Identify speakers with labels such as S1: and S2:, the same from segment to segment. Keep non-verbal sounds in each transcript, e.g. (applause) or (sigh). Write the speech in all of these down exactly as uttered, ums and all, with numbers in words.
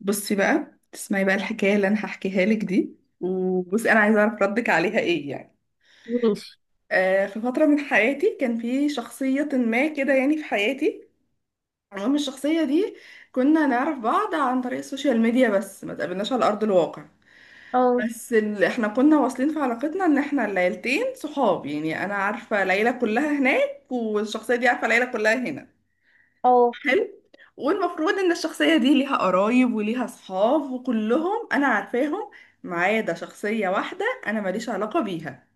S1: بصي بقى تسمعي بقى الحكاية اللي أنا هحكيها لك دي. وبصي أنا عايزة أعرف ردك عليها إيه يعني.
S2: ماشي.
S1: آه في فترة من حياتي كان في شخصية ما كده يعني في حياتي. المهم الشخصية دي كنا نعرف بعض عن طريق السوشيال ميديا، بس ما تقابلناش على أرض الواقع.
S2: اه.
S1: بس ال... احنا كنا واصلين في علاقتنا ان احنا العيلتين صحاب، يعني انا عارفة العيلة كلها هناك، والشخصية دي عارفة العيلة كلها هنا.
S2: اه.
S1: حلو. والمفروض ان الشخصية دي ليها قرايب وليها صحاب وكلهم انا عارفاهم، ما عدا شخصية واحدة انا ماليش علاقة بيها.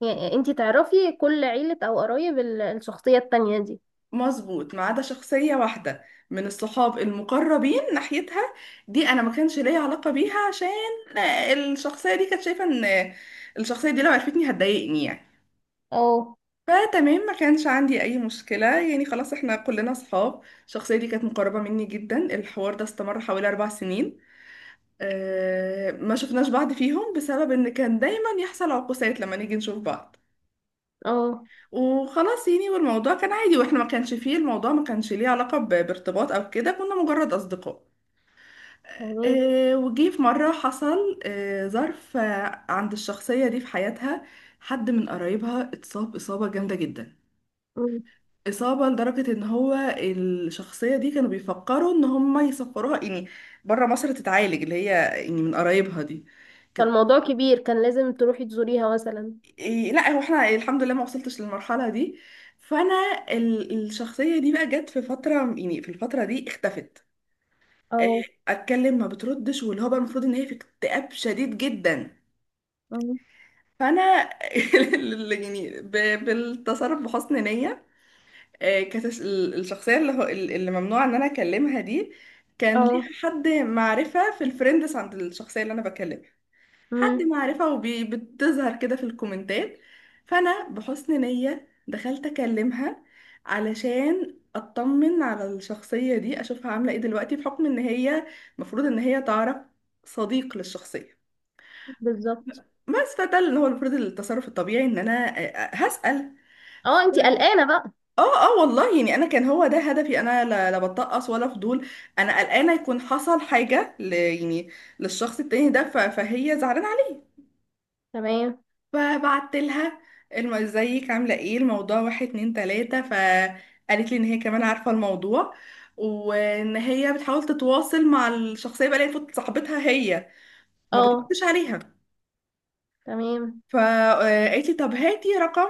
S2: يعني انتي تعرفي كل عيلة او قرايب ال- الشخصية التانية دي؟
S1: مظبوط، ما عدا شخصية واحدة من الصحاب المقربين ناحيتها. دي انا ما كانش ليا علاقة بيها عشان الشخصية دي كانت شايفة ان الشخصية دي لو عرفتني هتضايقني، يعني.
S2: اه.
S1: فتمام، ما كانش عندي اي مشكلة، يعني خلاص احنا كلنا صحاب. الشخصية دي كانت مقربة مني جدا. الحوار ده استمر حوالي اربع سنين. آه، ما شفناش بعض فيهم بسبب ان كان دايما يحصل عقوسات لما نيجي نشوف بعض.
S2: اه.
S1: وخلاص يعني، والموضوع كان عادي، واحنا ما كانش فيه الموضوع ما كانش ليه علاقة ب- بارتباط او كده، كنا مجرد اصدقاء.
S2: يعني.
S1: آه، وجي في مرة حصل آه، ظرف آه، عند الشخصية دي في حياتها. حد من قرايبها اتصاب إصابة جامدة جدا،
S2: مم.
S1: إصابة لدرجة إن هو الشخصية دي كانوا بيفكروا إن هم يسفروها، يعني بره مصر تتعالج، اللي هي يعني من قرايبها دي كانت.
S2: فالموضوع كبير، كان لازم تروحي تزوريها مثلا.
S1: إيه، لا هو احنا الحمد لله ما وصلتش للمرحلة دي. فانا ال- الشخصية دي بقى جت في فترة، يعني في الفترة دي اختفت.
S2: اه.
S1: إيه، اتكلم ما بتردش، واللي هو بقى المفروض ان هي في اكتئاب شديد جدا.
S2: مم.
S1: فانا (laughs) اللي يعني ب- بالتصرف بحسن نية. إيه، كانت الش- ال- الشخصية اللي هو ال- اللي ممنوع ان انا اكلمها دي كان
S2: اه.
S1: ليها حد معرفة في الفريندز عند الشخصية اللي انا بكلمها. حد
S2: امم.
S1: معرفة وبتظهر كده في الكومنتات. فأنا بحسن نية دخلت أكلمها علشان أطمن على الشخصية دي، أشوفها عاملة إيه دلوقتي بحكم إن هي المفروض إن هي تعرف صديق للشخصية.
S2: بالظبط.
S1: بس فده اللي هو المفروض التصرف الطبيعي إن أنا آه، آه، هسأل.
S2: اه، انتي قلقانة بقى.
S1: اه اه والله، يعني انا كان هو ده هدفي، انا لا, لا بتطقص ولا فضول. انا قلقانه يكون حصل حاجه ل يعني للشخص التاني ده ف- فهي زعلانه.
S2: تمام.
S1: فبعت لها الم... ازيك عامله ايه؟ الموضوع واحد اتنين تلاته. فقالت لي ان هي كمان عارفه الموضوع، وان هي بتحاول تتواصل مع الشخصيه بقى اللي هي المفروض صاحبتها هي، وما
S2: اه.
S1: بتردش عليها.
S2: تمام.
S1: فقالت لي طب هاتي رقم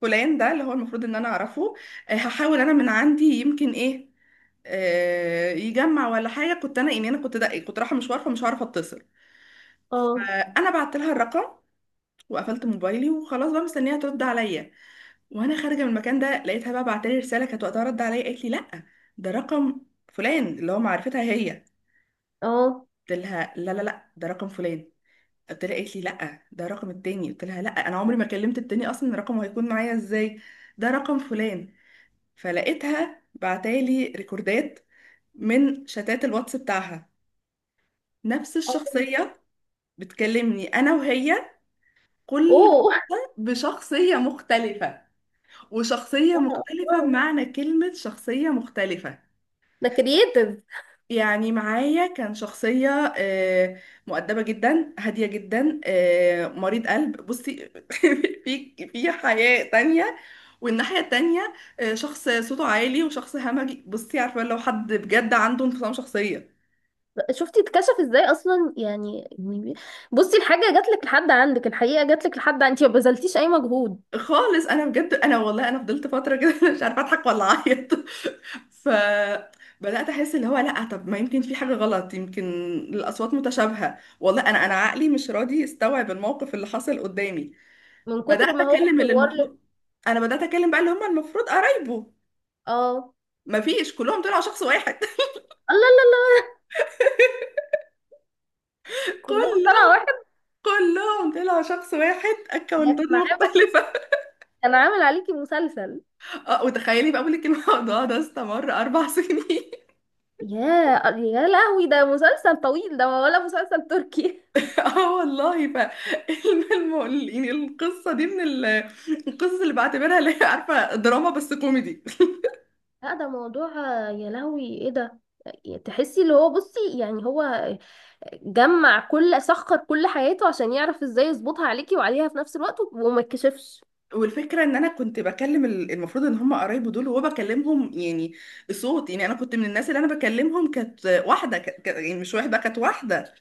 S1: فلان، ده اللي هو المفروض ان انا اعرفه. آه، هحاول انا من عندي يمكن ايه آه، يجمع ولا حاجه. كنت انا يعني انا كنت ده كنت رايحه مشوار فمش عارفه اتصل.
S2: اه.
S1: فانا بعت لها الرقم وقفلت موبايلي وخلاص بقى مستنيها ترد عليا. وانا خارجه من المكان ده لقيتها بقى بعتلي رساله، كانت وقتها رد عليا، قالت لي لا، ده رقم فلان اللي هو معرفتها هي.
S2: اه.
S1: قلت لها لا لا لا، ده رقم فلان، قلت لها، قالت لي لا، ده رقم التاني، قلت لها لا انا عمري ما كلمت التاني اصلا، رقمه هيكون معايا ازاي؟ ده رقم فلان. فلقيتها بعتالي ريكوردات من شتات الواتس بتاعها، نفس
S2: اه.
S1: الشخصيه بتكلمني انا وهي، كل
S2: اوه (laughs)
S1: واحدة بشخصيه مختلفه. وشخصيه
S2: آه.
S1: مختلفه
S2: آه.
S1: بمعنى كلمه شخصيه مختلفه.
S2: ده كرييتيف.
S1: يعني معايا كان شخصية آه، مؤدبة جدا هادية جدا، آه، مريض قلب، بصي (laughs) في في حياة تانية. والناحية التانية آه، شخص صوته عالي وشخص همجي، بصي عارفة لو حد بجد عنده انفصام شخصية.
S2: شفتي اتكشف ازاي اصلا؟ يعني يعني بصي، الحاجة جاتلك لحد عندك، الحقيقة جاتلك لحد، انتي ما بذلتيش اي مجهود.
S1: خالص. انا بجد، انا والله انا فضلت فترة كده (laughs) مش عارفة اضحك ولا اعيط. ف بدأت أحس اللي هو لأ، طب ما يمكن في حاجة غلط، يمكن الأصوات متشابهة. والله أنا أنا عقلي مش راضي يستوعب الموقف اللي حصل قدامي.
S2: من
S1: بدات
S2: كتر ما هو
S1: اكلم اللي
S2: مصور لك.
S1: المفروض، انا بدات اكلم بقى اللي هم المفروض قرايبه.
S2: اه الله.
S1: مفيش، كلهم طلعوا شخص واحد.
S2: الله.
S1: (laughs)
S2: كلهم طلع
S1: كلهم،
S2: واحد.
S1: كلهم طلعوا شخص واحد،
S2: ده
S1: اكونتات
S2: كان عامل.
S1: مختلفة.
S2: كان عامل عليكي مسلسل.
S1: اه وتخيلي بقى، بقولك الموضوع (laughs) ده استمر اربع سنين (laughs)
S2: يا. يا لهوي، ده مسلسل طويل ده ولا مسلسل تركي؟ (laughs)
S1: اه والله. ف الم- الم- يعني القصة دي من ال- القصص اللي بعتبرها اللي هي عارفة دراما بس كوميدي.
S2: لا، ده موضوع. يا لهوي، ايه ده؟ تحسي اللي هو بصي يعني هو جمع كل سخر كل حياته عشان يعرف ازاي يظبطها عليكي وعليها في نفس الوقت وما يتكشفش.
S1: والفكره ان انا كنت بكلم ال- المفروض ان هم قرايبه دول، وبكلمهم يعني صوت يعني انا كنت من الناس اللي انا بكلمهم كانت واحده ك... ك... يعني مش واحده كانت واحده.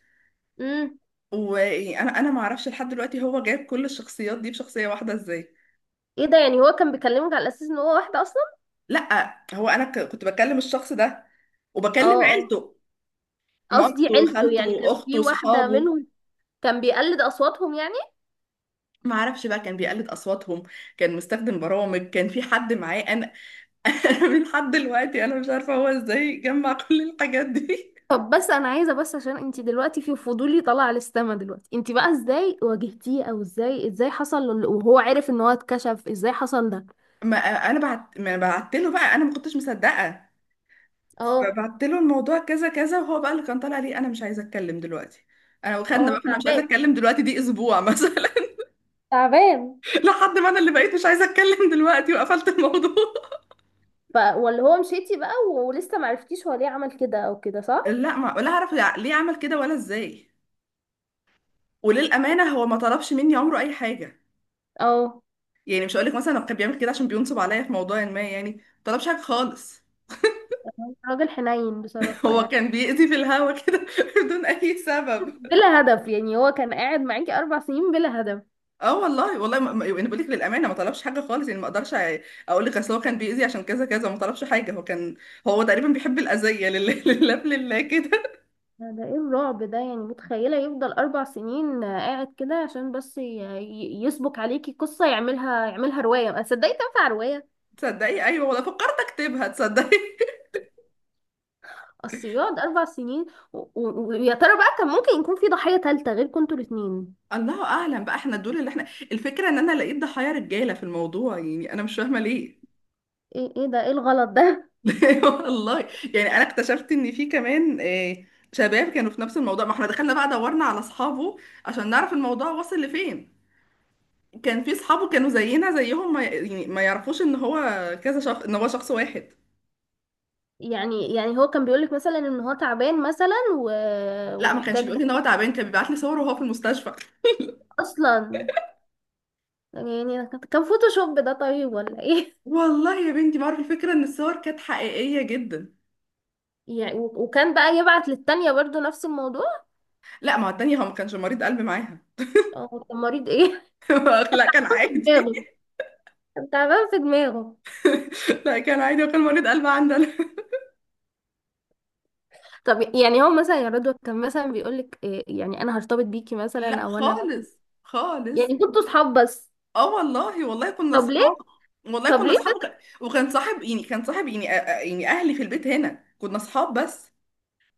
S2: امم.
S1: وانا انا ما اعرفش لحد دلوقتي هو جايب كل الشخصيات دي بشخصيه واحده ازاي؟
S2: ايه ده، يعني هو كان بيكلمك على اساس ان هو واحده اصلا؟
S1: لا هو انا ك... كنت بكلم الشخص ده،
S2: اه
S1: وبكلم
S2: اه.
S1: عيلته،
S2: قصدي
S1: مامته
S2: عيلته، يعني
S1: خالته
S2: كان في
S1: اخته
S2: واحده
S1: صحابه.
S2: منهم؟ كان بيقلد اصواتهم يعني؟
S1: ما اعرفش بقى كان بيقلد اصواتهم. كان مستخدم برامج، كان في حد معاه، انا (laughs) من لحد دلوقتي انا مش عارفه هو ازاي جمع كل الحاجات دي.
S2: طب بس انا عايزه بس عشان انت دلوقتي في فضولي طالع على السما دلوقتي، انت بقى ازاي واجهتيه، او ازاي ازاي حصل ل- وهو عرف ان هو اتكشف ازاي حصل ده؟
S1: ما انا بعت ما بعت له بقى، انا ما كنتش مصدقه.
S2: اه
S1: فبعت له الموضوع كذا كذا، وهو بقى اللي كان طالع لي انا مش عايزه اتكلم دلوقتي. انا وخدنا
S2: اه.
S1: بقى انا مش عايزه
S2: تعبان.
S1: اتكلم دلوقتي دي اسبوع مثلا (laughs)
S2: تعبان.
S1: لحد ما انا اللي بقيت مش عايزه اتكلم دلوقتي، وقفلت الموضوع.
S2: ف ولا هو مشيتي بقى ولسه معرفتيش هو ليه عمل كده او كده
S1: (laughs)
S2: صح؟
S1: لا ما ولا اعرف يع- ليه عمل كده ولا ازاي. وللامانه هو ما طلبش مني عمره اي حاجه.
S2: اه.
S1: يعني مش هقول لك مثلا هو كان بيعمل كده عشان بينصب عليا في موضوع ما، يعني ما طلبش حاجه خالص.
S2: راجل حنين بصراحه
S1: (laughs) هو
S2: يعني.
S1: كان بيأذي في الهوا كده (laughs) بدون اي سبب.
S2: بلا هدف يعني، هو كان قاعد معاكي اربع سنين بلا هدف.
S1: اه والله والله ما... ما- انا بقول لك للامانه ما طلبش حاجه خالص، يعني ما اقدرش اقول لك اصل هو كان بيأذي عشان كذا كذا. ما طلبش حاجه. هو كان هو تقريبا بيحب الاذيه لله (laughs) لله لله كده.
S2: ده ده ايه الرعب ده؟ يعني متخيلة يفضل اربع سنين آه، قاعد كده عشان بس ي- ي- يسبك عليكي قصة، يعملها يعملها رواية، ما صدقي تنفع رواية.
S1: تصدقي، ايوه والله فكرت اكتبها تصدقي (laughs)
S2: اصل يقعد اربع سنين و- و- ويا ترى بقى كان ممكن يكون في ضحية تالتة غير كنتوا الاتنين؟
S1: الله اعلم بقى. احنا دول اللي احنا. الفكره ان انا لقيت ضحايا رجاله في الموضوع، يعني انا مش فاهمه ليه.
S2: ايه ايه ده، ايه الغلط ده؟
S1: (laughs) والله، يعني انا اكتشفت ان في كمان آه، شباب كانوا في نفس الموضوع. ما احنا دخلنا بقى دورنا على اصحابه عشان نعرف الموضوع وصل لفين. كان في صحابه كانوا زينا زيهم، ما يعني ما يعرفوش ان هو كذا شخص، ان هو شخص واحد.
S2: (laughs) يعني يعني هو كان بيقولك مثلا ان هو تعبان مثلا و...
S1: لا ما كانش
S2: ومحتاج
S1: بيقول
S2: بقى؟
S1: لي ان هو تعبان، كان بيبعت لي صور وهو في المستشفى.
S2: اصلا يعني كان فوتوشوب ده طيب ولا ايه؟
S1: والله يا بنتي بعرف. الفكره ان الصور كانت حقيقيه جدا.
S2: (laughs) يعني و- وكان بقى يبعت للتانية برضو نفس الموضوع؟
S1: لا، ما هو التانية هو ما كانش مريض قلب معاها
S2: اه، طب مريض ايه؟
S1: (laughs) لا كان
S2: (laughs)
S1: عادي.
S2: دماغه تعبان في دماغه.
S1: لا كان عادي، وكان مريض قلب عندنا (laughs)
S2: طب يعني هو مثلا يا رضوى كان مثلا بيقولك إيه؟ يعني انا هرتبط بيكي مثلا
S1: لا
S2: او انا مثلا.
S1: خالص. خالص.
S2: يعني كنتوا صحاب بس؟
S1: اه والله والله كنا
S2: طب
S1: اصحاب.
S2: ليه؟
S1: والله
S2: طب
S1: كنا
S2: ليه
S1: اصحاب.
S2: بس؟
S1: وك- وكان صاحب يعني كان صاحب، يعني أ- أ- يعني اهلي في البيت هنا كنا اصحاب بس.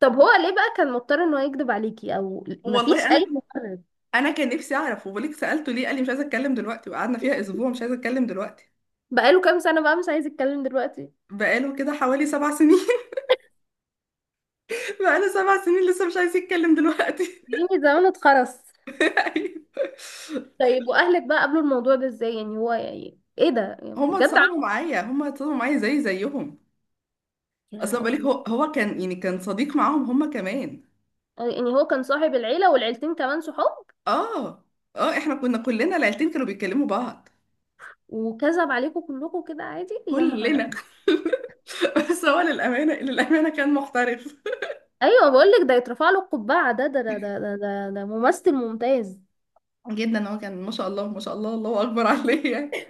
S2: طب هو ليه بقى كان مضطر ان هو يكذب عليكي او مفيش
S1: والله انا
S2: اي مبرر؟
S1: انا كان نفسي اعرف. وبوليك، سالته ليه قال لي مش عايزه اتكلم دلوقتي، وقعدنا فيها اسبوع مش عايزه اتكلم دلوقتي.
S2: بقاله كام سنة بقى مش عايز يتكلم دلوقتي؟
S1: بقاله كده حوالي سبع سنين (laughs) بقاله سبع سنين لسه مش عايز يتكلم دلوقتي.
S2: يعني زمانه اتخرس.
S1: (laughs) أيوة.
S2: طيب، واهلك بقى قبلوا الموضوع ده ازاي؟ يعني هو يعني ايه ده؟ يعني
S1: هما
S2: بجد
S1: اتصدموا
S2: عم-
S1: معايا، هما اتصدموا معايا زي زيهم.
S2: يا
S1: اصلا بالك،
S2: الله.
S1: هو هو كان يعني كان صديق معاهم هما كمان.
S2: يعني هو كان صاحب العيلة، والعيلتين كمان صحاب.
S1: اه اه احنا كنا كلنا، العيلتين كانوا بيتكلموا بعض.
S2: وكذب عليكم كلكم كده عادي، يا
S1: كلنا
S2: نهار.
S1: (laughs) بس هو للامانه للامانه كان محترف.
S2: ايوه بقول لك، ده يترفع له القبعه. ده ده ده ده ده, ده, ده ممثل ممتاز.
S1: (laughs) جدا. هو كان، ما شاء الله ما شاء الله، الله اكبر عليه يعني.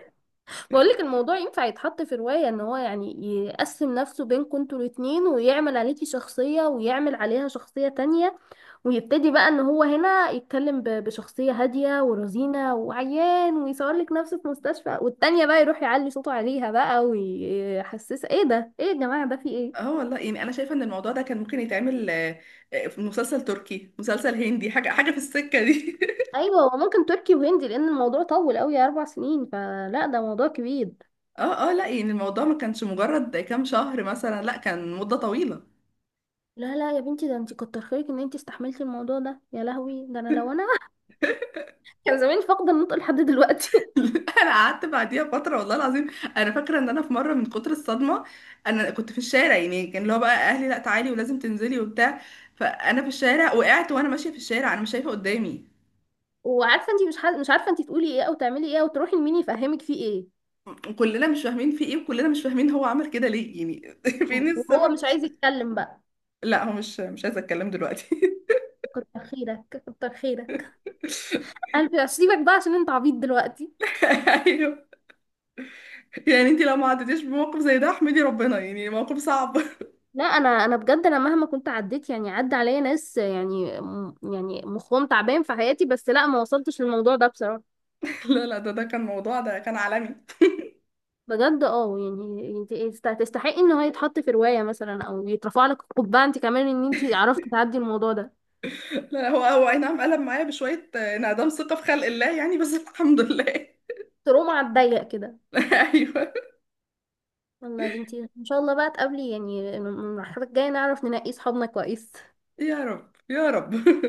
S2: بقول لك الموضوع ينفع يتحط في روايه، ان هو يعني يقسم نفسه بينكم انتوا الاتنين، ويعمل عليكي شخصيه ويعمل عليها شخصيه تانية، ويبتدي بقى ان هو هنا يتكلم ب- بشخصيه هاديه ورزينه وعيان، ويصور لك نفسه في مستشفى، والتانية بقى يروح يعلي صوته عليها بقى ويحسسها ايه ده، ايه يا جماعه ده في ايه.
S1: اه والله، يعني انا شايفه ان الموضوع ده كان ممكن يتعمل آه، آه، في مسلسل تركي، مسلسل هندي، حاجه حاجه في السكه دي (laughs)
S2: ايوه، وممكن تركي وهندي لان الموضوع طول قوي اربع سنين، فلا ده موضوع كبير.
S1: اه اه لا يعني الموضوع ما كانش مجرد كام شهر مثلا، لا كان مده طويله.
S2: لا لا يا بنتي، ده انت كتر خيرك ان انت استحملتي الموضوع ده. يا لهوي، ده انا لو انا (laughs) كان زماني فاقده النطق لحد دلوقتي (laughs)
S1: (laughs) انا قعدت بعديها فتره، والله العظيم انا فاكره ان انا في مره من كتر الصدمه، انا كنت في الشارع، يعني كان اللي هو بقى اهلي لا تعالي ولازم تنزلي وبتاع، فانا في الشارع وقعت وانا ماشيه في الشارع انا مش شايفه قدامي.
S2: وعارفه انت مش ح... مش عارفه انت تقولي ايه او تعملي ايه او تروحي لمين يفهمك فيه ايه.
S1: وكلنا مش فاهمين في ايه، وكلنا مش فاهمين هو عمل كده ليه، يعني (laughs) فين
S2: وهو
S1: السبب؟
S2: مش عايز يتكلم بقى.
S1: لا، هو مش مش عايزه اتكلم دلوقتي.
S2: كتر خيرك. كتر خيرك.
S1: (laughs)
S2: (laughs) انا سيبك بقى عشان انت عبيط دلوقتي.
S1: ايوه. يعني انت لو ما عدتيش بموقف زي ده احمدي ربنا، يعني موقف صعب (laughs)
S2: لا، انا انا بجد، انا مهما كنت عديت يعني عدى عليا ناس يعني م- يعني مخهم تعبان في حياتي، بس لا ما وصلتش للموضوع ده بصراحه.
S1: لا لا، ده ده كان موضوع، ده كان عالمي.
S2: بجد اه، يعني انت يست- تستحقي ان هو يتحط في رواية مثلا، او يترفع لك القبعة. انت كمان ان انت عرفتي تعدي الموضوع ده.
S1: لا، هو هو اي نعم قلب معايا بشويه، آه، انعدام ثقه في خلق الله، يعني بس الحمد لله (laughs)
S2: تقوم على الضيق كده.
S1: ايوه.
S2: والله يا بنتي، ان شاء الله بقى تقابلي يعني المرحلة الجاية نعرف ننقي صحابنا كويس.
S1: يا رب يا رب.